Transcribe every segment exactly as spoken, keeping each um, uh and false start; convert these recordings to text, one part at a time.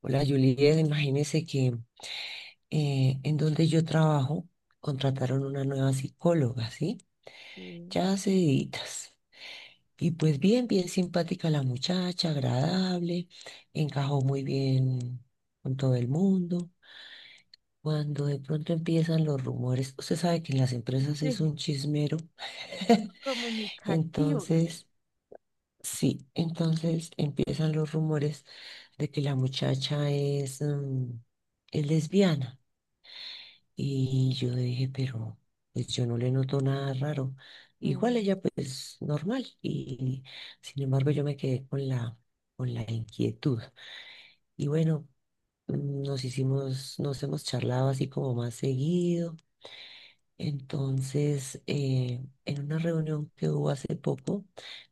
Hola, Juliet, imagínese que eh, en donde yo trabajo contrataron una nueva psicóloga, ¿sí? Sí. Ya hace deditas. Y pues bien, bien simpática la muchacha, agradable, encajó muy bien con todo el mundo. Cuando de pronto empiezan los rumores, usted sabe que en las empresas es Sí, un chismero. comunicativos. Entonces, sí, entonces empiezan los rumores de que la muchacha es, mm, es lesbiana. Y yo dije, pero pues yo no le noto nada raro. Igual Mm, ella pues normal. Y sin embargo yo me quedé con la, con la inquietud. Y bueno, mm, nos hicimos, nos hemos charlado así como más seguido. Entonces, eh, en una reunión que hubo hace poco,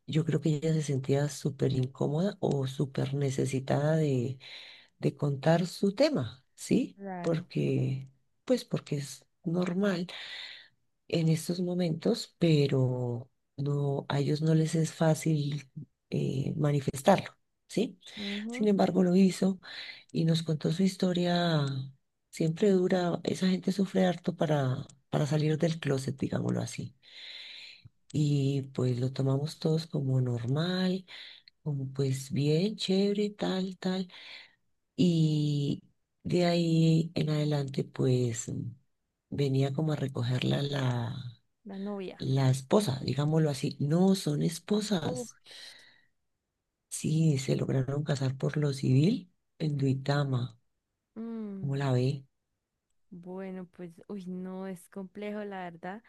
yo creo que ella se sentía súper incómoda o súper necesitada de, de contar su tema, ¿sí? claro. Porque, pues porque es normal en estos momentos, pero no, a ellos no les es fácil eh, manifestarlo, ¿sí? Ujú. Sin embargo, lo hizo y nos contó su historia. Siempre dura, esa gente sufre harto para, para salir del closet, digámoslo así. Y pues lo tomamos todos como normal, como pues bien, chévere, tal, tal. Y de ahí en adelante, pues venía como a recogerla la La novia. la esposa, digámoslo así. No, son esposas. Uf. Sí, se lograron casar por lo civil en Duitama. Mm. ¿Cómo la ve? Bueno, pues, uy, no, es complejo, la verdad,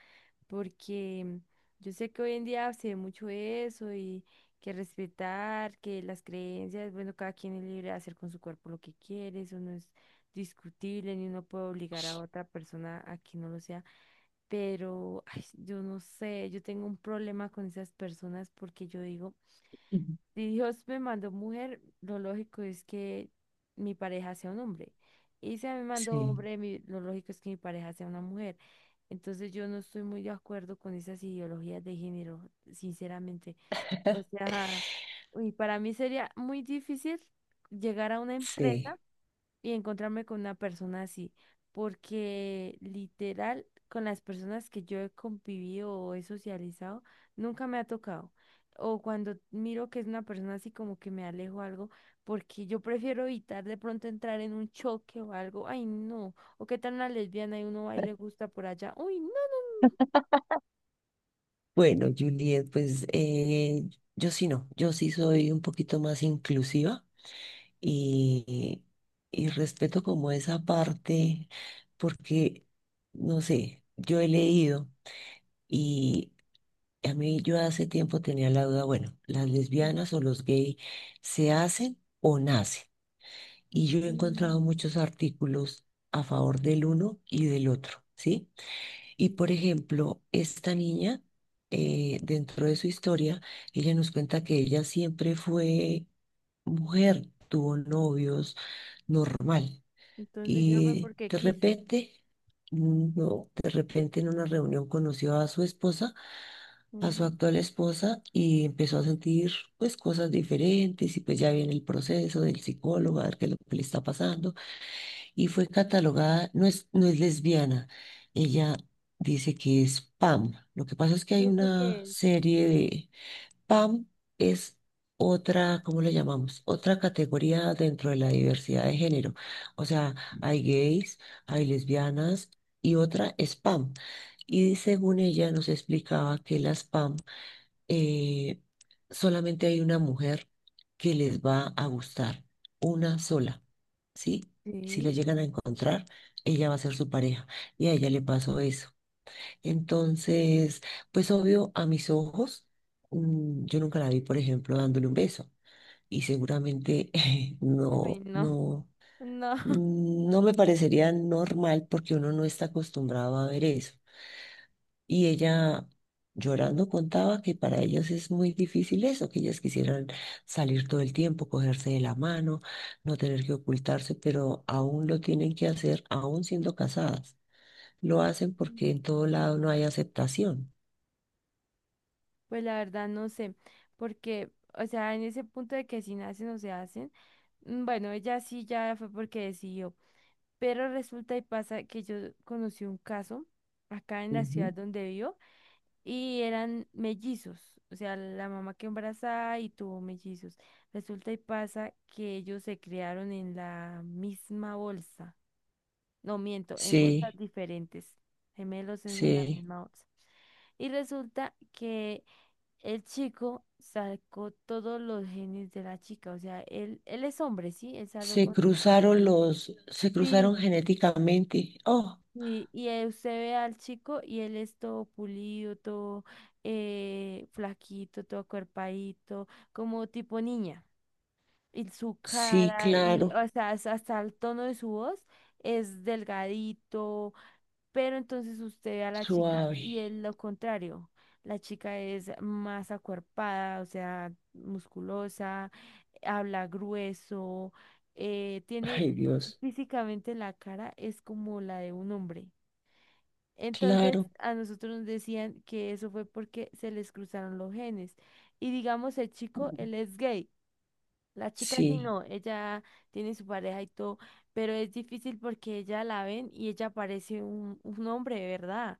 porque yo sé que hoy en día se ve mucho eso y que respetar, que las creencias, bueno, cada quien es libre de hacer con su cuerpo lo que quiere, eso no es discutible, ni uno puede obligar a otra persona a que no lo sea, pero ay, yo no sé, yo tengo un problema con esas personas porque yo digo, Ujú. si Dios me mandó mujer, lo lógico es que mi pareja sea un hombre. Y se me mandó Sí, hombre, mi- lo lógico es que mi pareja sea una mujer. Entonces yo no estoy muy de acuerdo con esas ideologías de género, sinceramente. O sea, uy, para mí sería muy difícil llegar a una empresa sí. y encontrarme con una persona así, porque literal, con las personas que yo he convivido o he socializado, nunca me ha tocado. O cuando miro que es una persona así como que me alejo algo, porque yo prefiero evitar de pronto entrar en un choque o algo. Ay, no. O qué tal una lesbiana y uno va y le gusta por allá. Uy, no, no. Bueno, Juliet, pues eh, yo sí no, yo sí soy un poquito más inclusiva y, y respeto como esa parte porque, no sé, yo he leído y a mí yo hace tiempo tenía la duda, bueno, ¿las Sí, no. lesbianas o los gays se hacen o nacen? Y yo he Sí. Mm, encontrado muchos artículos a favor del uno y del otro, ¿sí? Y sí. por ejemplo, esta niña, eh, dentro de su historia, ella nos cuenta que ella siempre fue mujer, tuvo novios, normal. Entonces ya fue Y porque de quiso. repente, mm, no, de repente en una reunión conoció a su esposa, a Ujú. su actual esposa, y empezó a sentir pues cosas diferentes y pues ya viene el proceso del psicólogo a ver qué es lo que le está pasando. Y fue catalogada, no es, no es lesbiana, ella dice que es PAM. Lo que pasa es que ¿Y hay eso una qué es? serie de PAM es otra, ¿cómo le llamamos? Otra categoría dentro de la diversidad de género. O sea, hay gays, hay lesbianas y otra es PAM. Y según ella nos explicaba que las PAM eh, solamente hay una mujer que les va a gustar, una sola, ¿sí? Si la Sí. llegan a encontrar, ella va a ser su pareja. Y a ella le pasó eso. Entonces, pues obvio, a mis ojos, mm, yo nunca la vi, por ejemplo, dándole un beso. Y seguramente Ay, no, no. no, No. mm, no me parecería normal porque uno no está acostumbrado a ver eso. Y ella llorando contaba que para ellas es muy difícil eso, que ellas quisieran salir todo el tiempo, cogerse de la mano, no tener que ocultarse, pero aún lo tienen que hacer, aún siendo casadas. Lo hacen porque en todo lado no hay aceptación. Pues la verdad no sé, porque, o sea, en ese punto de que si nacen o se hacen, mm, bueno, ella sí ya fue porque decidió, pero resulta y pasa que yo conocí un caso acá en la ciudad Ujú. donde vivo y eran mellizos, o sea, la mamá que embarazada y tuvo mellizos. Resulta y pasa que ellos se criaron en la misma bolsa, no miento, en bolsas Sí, diferentes, gemelos es en la sí. misma bolsa. Y resulta que el chico sacó todos los genes de la chica, o sea, él, él es hombre, ¿sí? Él salió Se con su... cruzaron los, se Sí. cruzaron genéticamente. Oh, Y, y eh, usted ve al chico y él es todo pulido, todo eh, flaquito, todo cuerpadito, como tipo niña. Y su sí, cara, y claro. o sea, hasta hasta el tono de su voz es delgadito. Pero entonces usted ve a la chica Suave. y es lo contrario. La chica es más acuerpada, o sea, musculosa, habla grueso, eh, tiene Ay, Dios. físicamente la cara es como la de un hombre. Entonces Claro. a nosotros nos decían que eso fue porque se les cruzaron los genes. Y digamos, el chico, él es gay. La chica sí Sí. no, ella tiene su pareja y todo, pero es difícil porque ella la ven y ella parece un, un hombre de verdad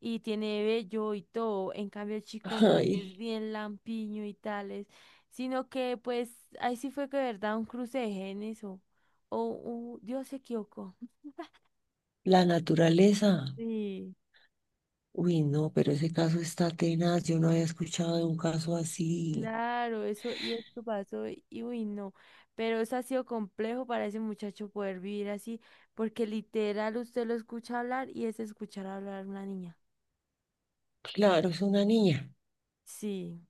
y tiene vello y todo. En cambio el chico no, es Ay, bien lampiño y tales, sino que pues ahí sí fue que de verdad un cruce de genes o, o, o Dios se equivocó. la naturaleza. Sí. Uy, no, pero ese caso está tenaz. Yo no había escuchado de un caso así. Claro, eso y esto pasó y y uy, no, pero eso ha sido complejo para ese muchacho poder vivir así, porque literal usted lo escucha hablar y es escuchar hablar a una niña. Claro, es una niña. Sí,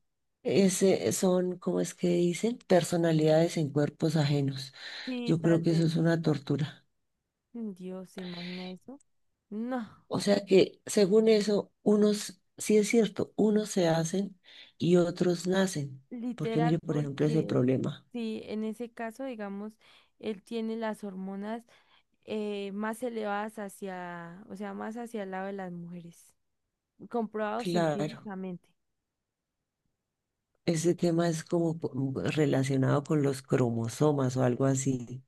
Ese son, ¿cómo es que dicen? Personalidades en cuerpos ajenos. sí, Yo creo tal que eso vez. es una tortura. Mm, Dios, ¿se imagina eso? No, O sea que, según eso, unos, sí es cierto, unos se hacen y otros nacen. Porque literal, mire, por ejemplo, ese porque problema. sí, en ese caso, digamos, él tiene las hormonas eh, más elevadas hacia, o sea, más hacia el lado de las mujeres, comprobado Claro, científicamente. ese tema es como po- mm, relacionado con los cromosomas o algo así.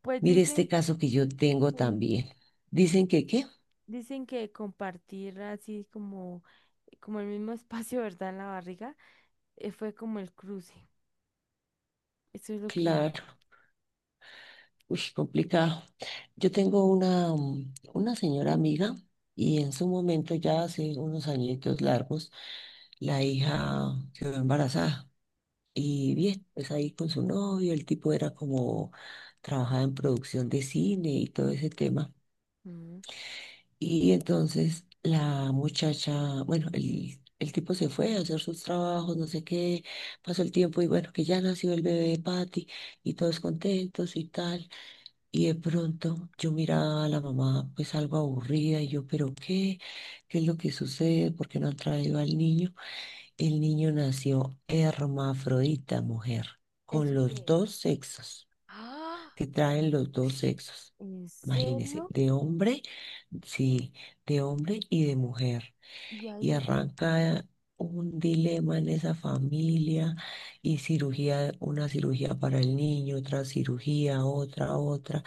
Pues Mire dicen este caso que yo tengo que. también. Dicen que, ¿qué? Dicen que compartir así como, como el mismo espacio, ¿verdad? En la barriga, eh, fue como el cruce. Eso es lo que... Claro, uy, complicado. Yo tengo una, mm, una señora amiga y en su momento, ya hace unos añitos largos, la hija quedó embarazada. Y bien, pues ahí con su novio, el tipo era como, trabajaba en producción de cine y todo ese tema. Mm. Y entonces la muchacha, bueno, el, el tipo se fue a hacer sus trabajos, no sé qué, pasó el tiempo y bueno, que ya nació el bebé de Patty y todos contentos y tal. Y de pronto yo miraba a la mamá pues algo aburrida y yo, pero ¿qué? ¿Qué es lo que sucede? ¿Por qué no han traído al niño? El niño nació hermafrodita, mujer, con ¿Eso qué los es? dos sexos, ¡Ah! que traen los dos Ush. sexos. ¿En Imagínese, serio? de hombre, sí, de hombre y de mujer. Y Y ahí, arranca un dilema en esa familia y cirugía, una cirugía para el niño, otra cirugía, otra, otra.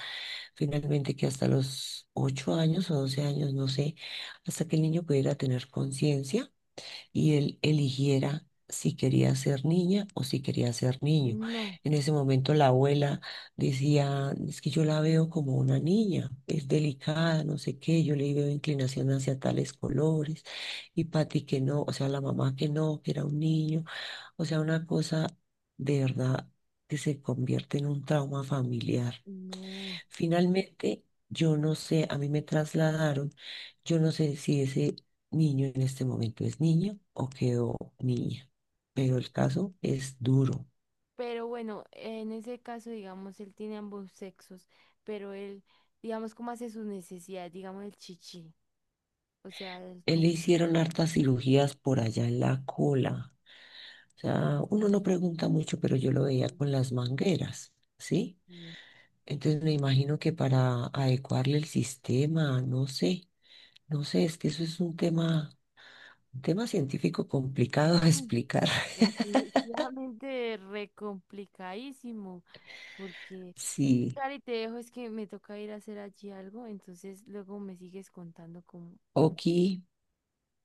Finalmente que hasta los ocho años o doce años, no sé, hasta que el niño pudiera tener conciencia y él eligiera si quería ser niña o si quería ser niño. no, En ese momento la abuela decía, es que yo la veo como una niña, es delicada, no sé qué, yo le veo inclinación hacia tales colores, y Pati que no, o sea, la mamá que no, que era un niño, o sea, una cosa de verdad que se convierte en un trauma familiar. no. Finalmente, yo no sé, a mí me trasladaron, yo no sé si ese niño en este momento es niño o quedó niña, pero el caso es duro. Pero bueno, en ese caso, digamos, él tiene ambos sexos, pero él, digamos, cómo hace sus necesidades, digamos, el chichi. O sea, él Él le como... hicieron hartas cirugías por allá en la cola. O sea, uno no pregunta mucho, pero yo lo veía que- con las mangueras, ¿sí? que, Entonces me imagino que para adecuarle el sistema, no sé, no sé, es que eso es un tema, un tema científico complicado de mm, explicar. Definitivamente re complicadísimo, porque Sí. Cari, te dejo, es que me toca ir a hacer allí algo, entonces luego me sigues contando cómo, cómo Oki.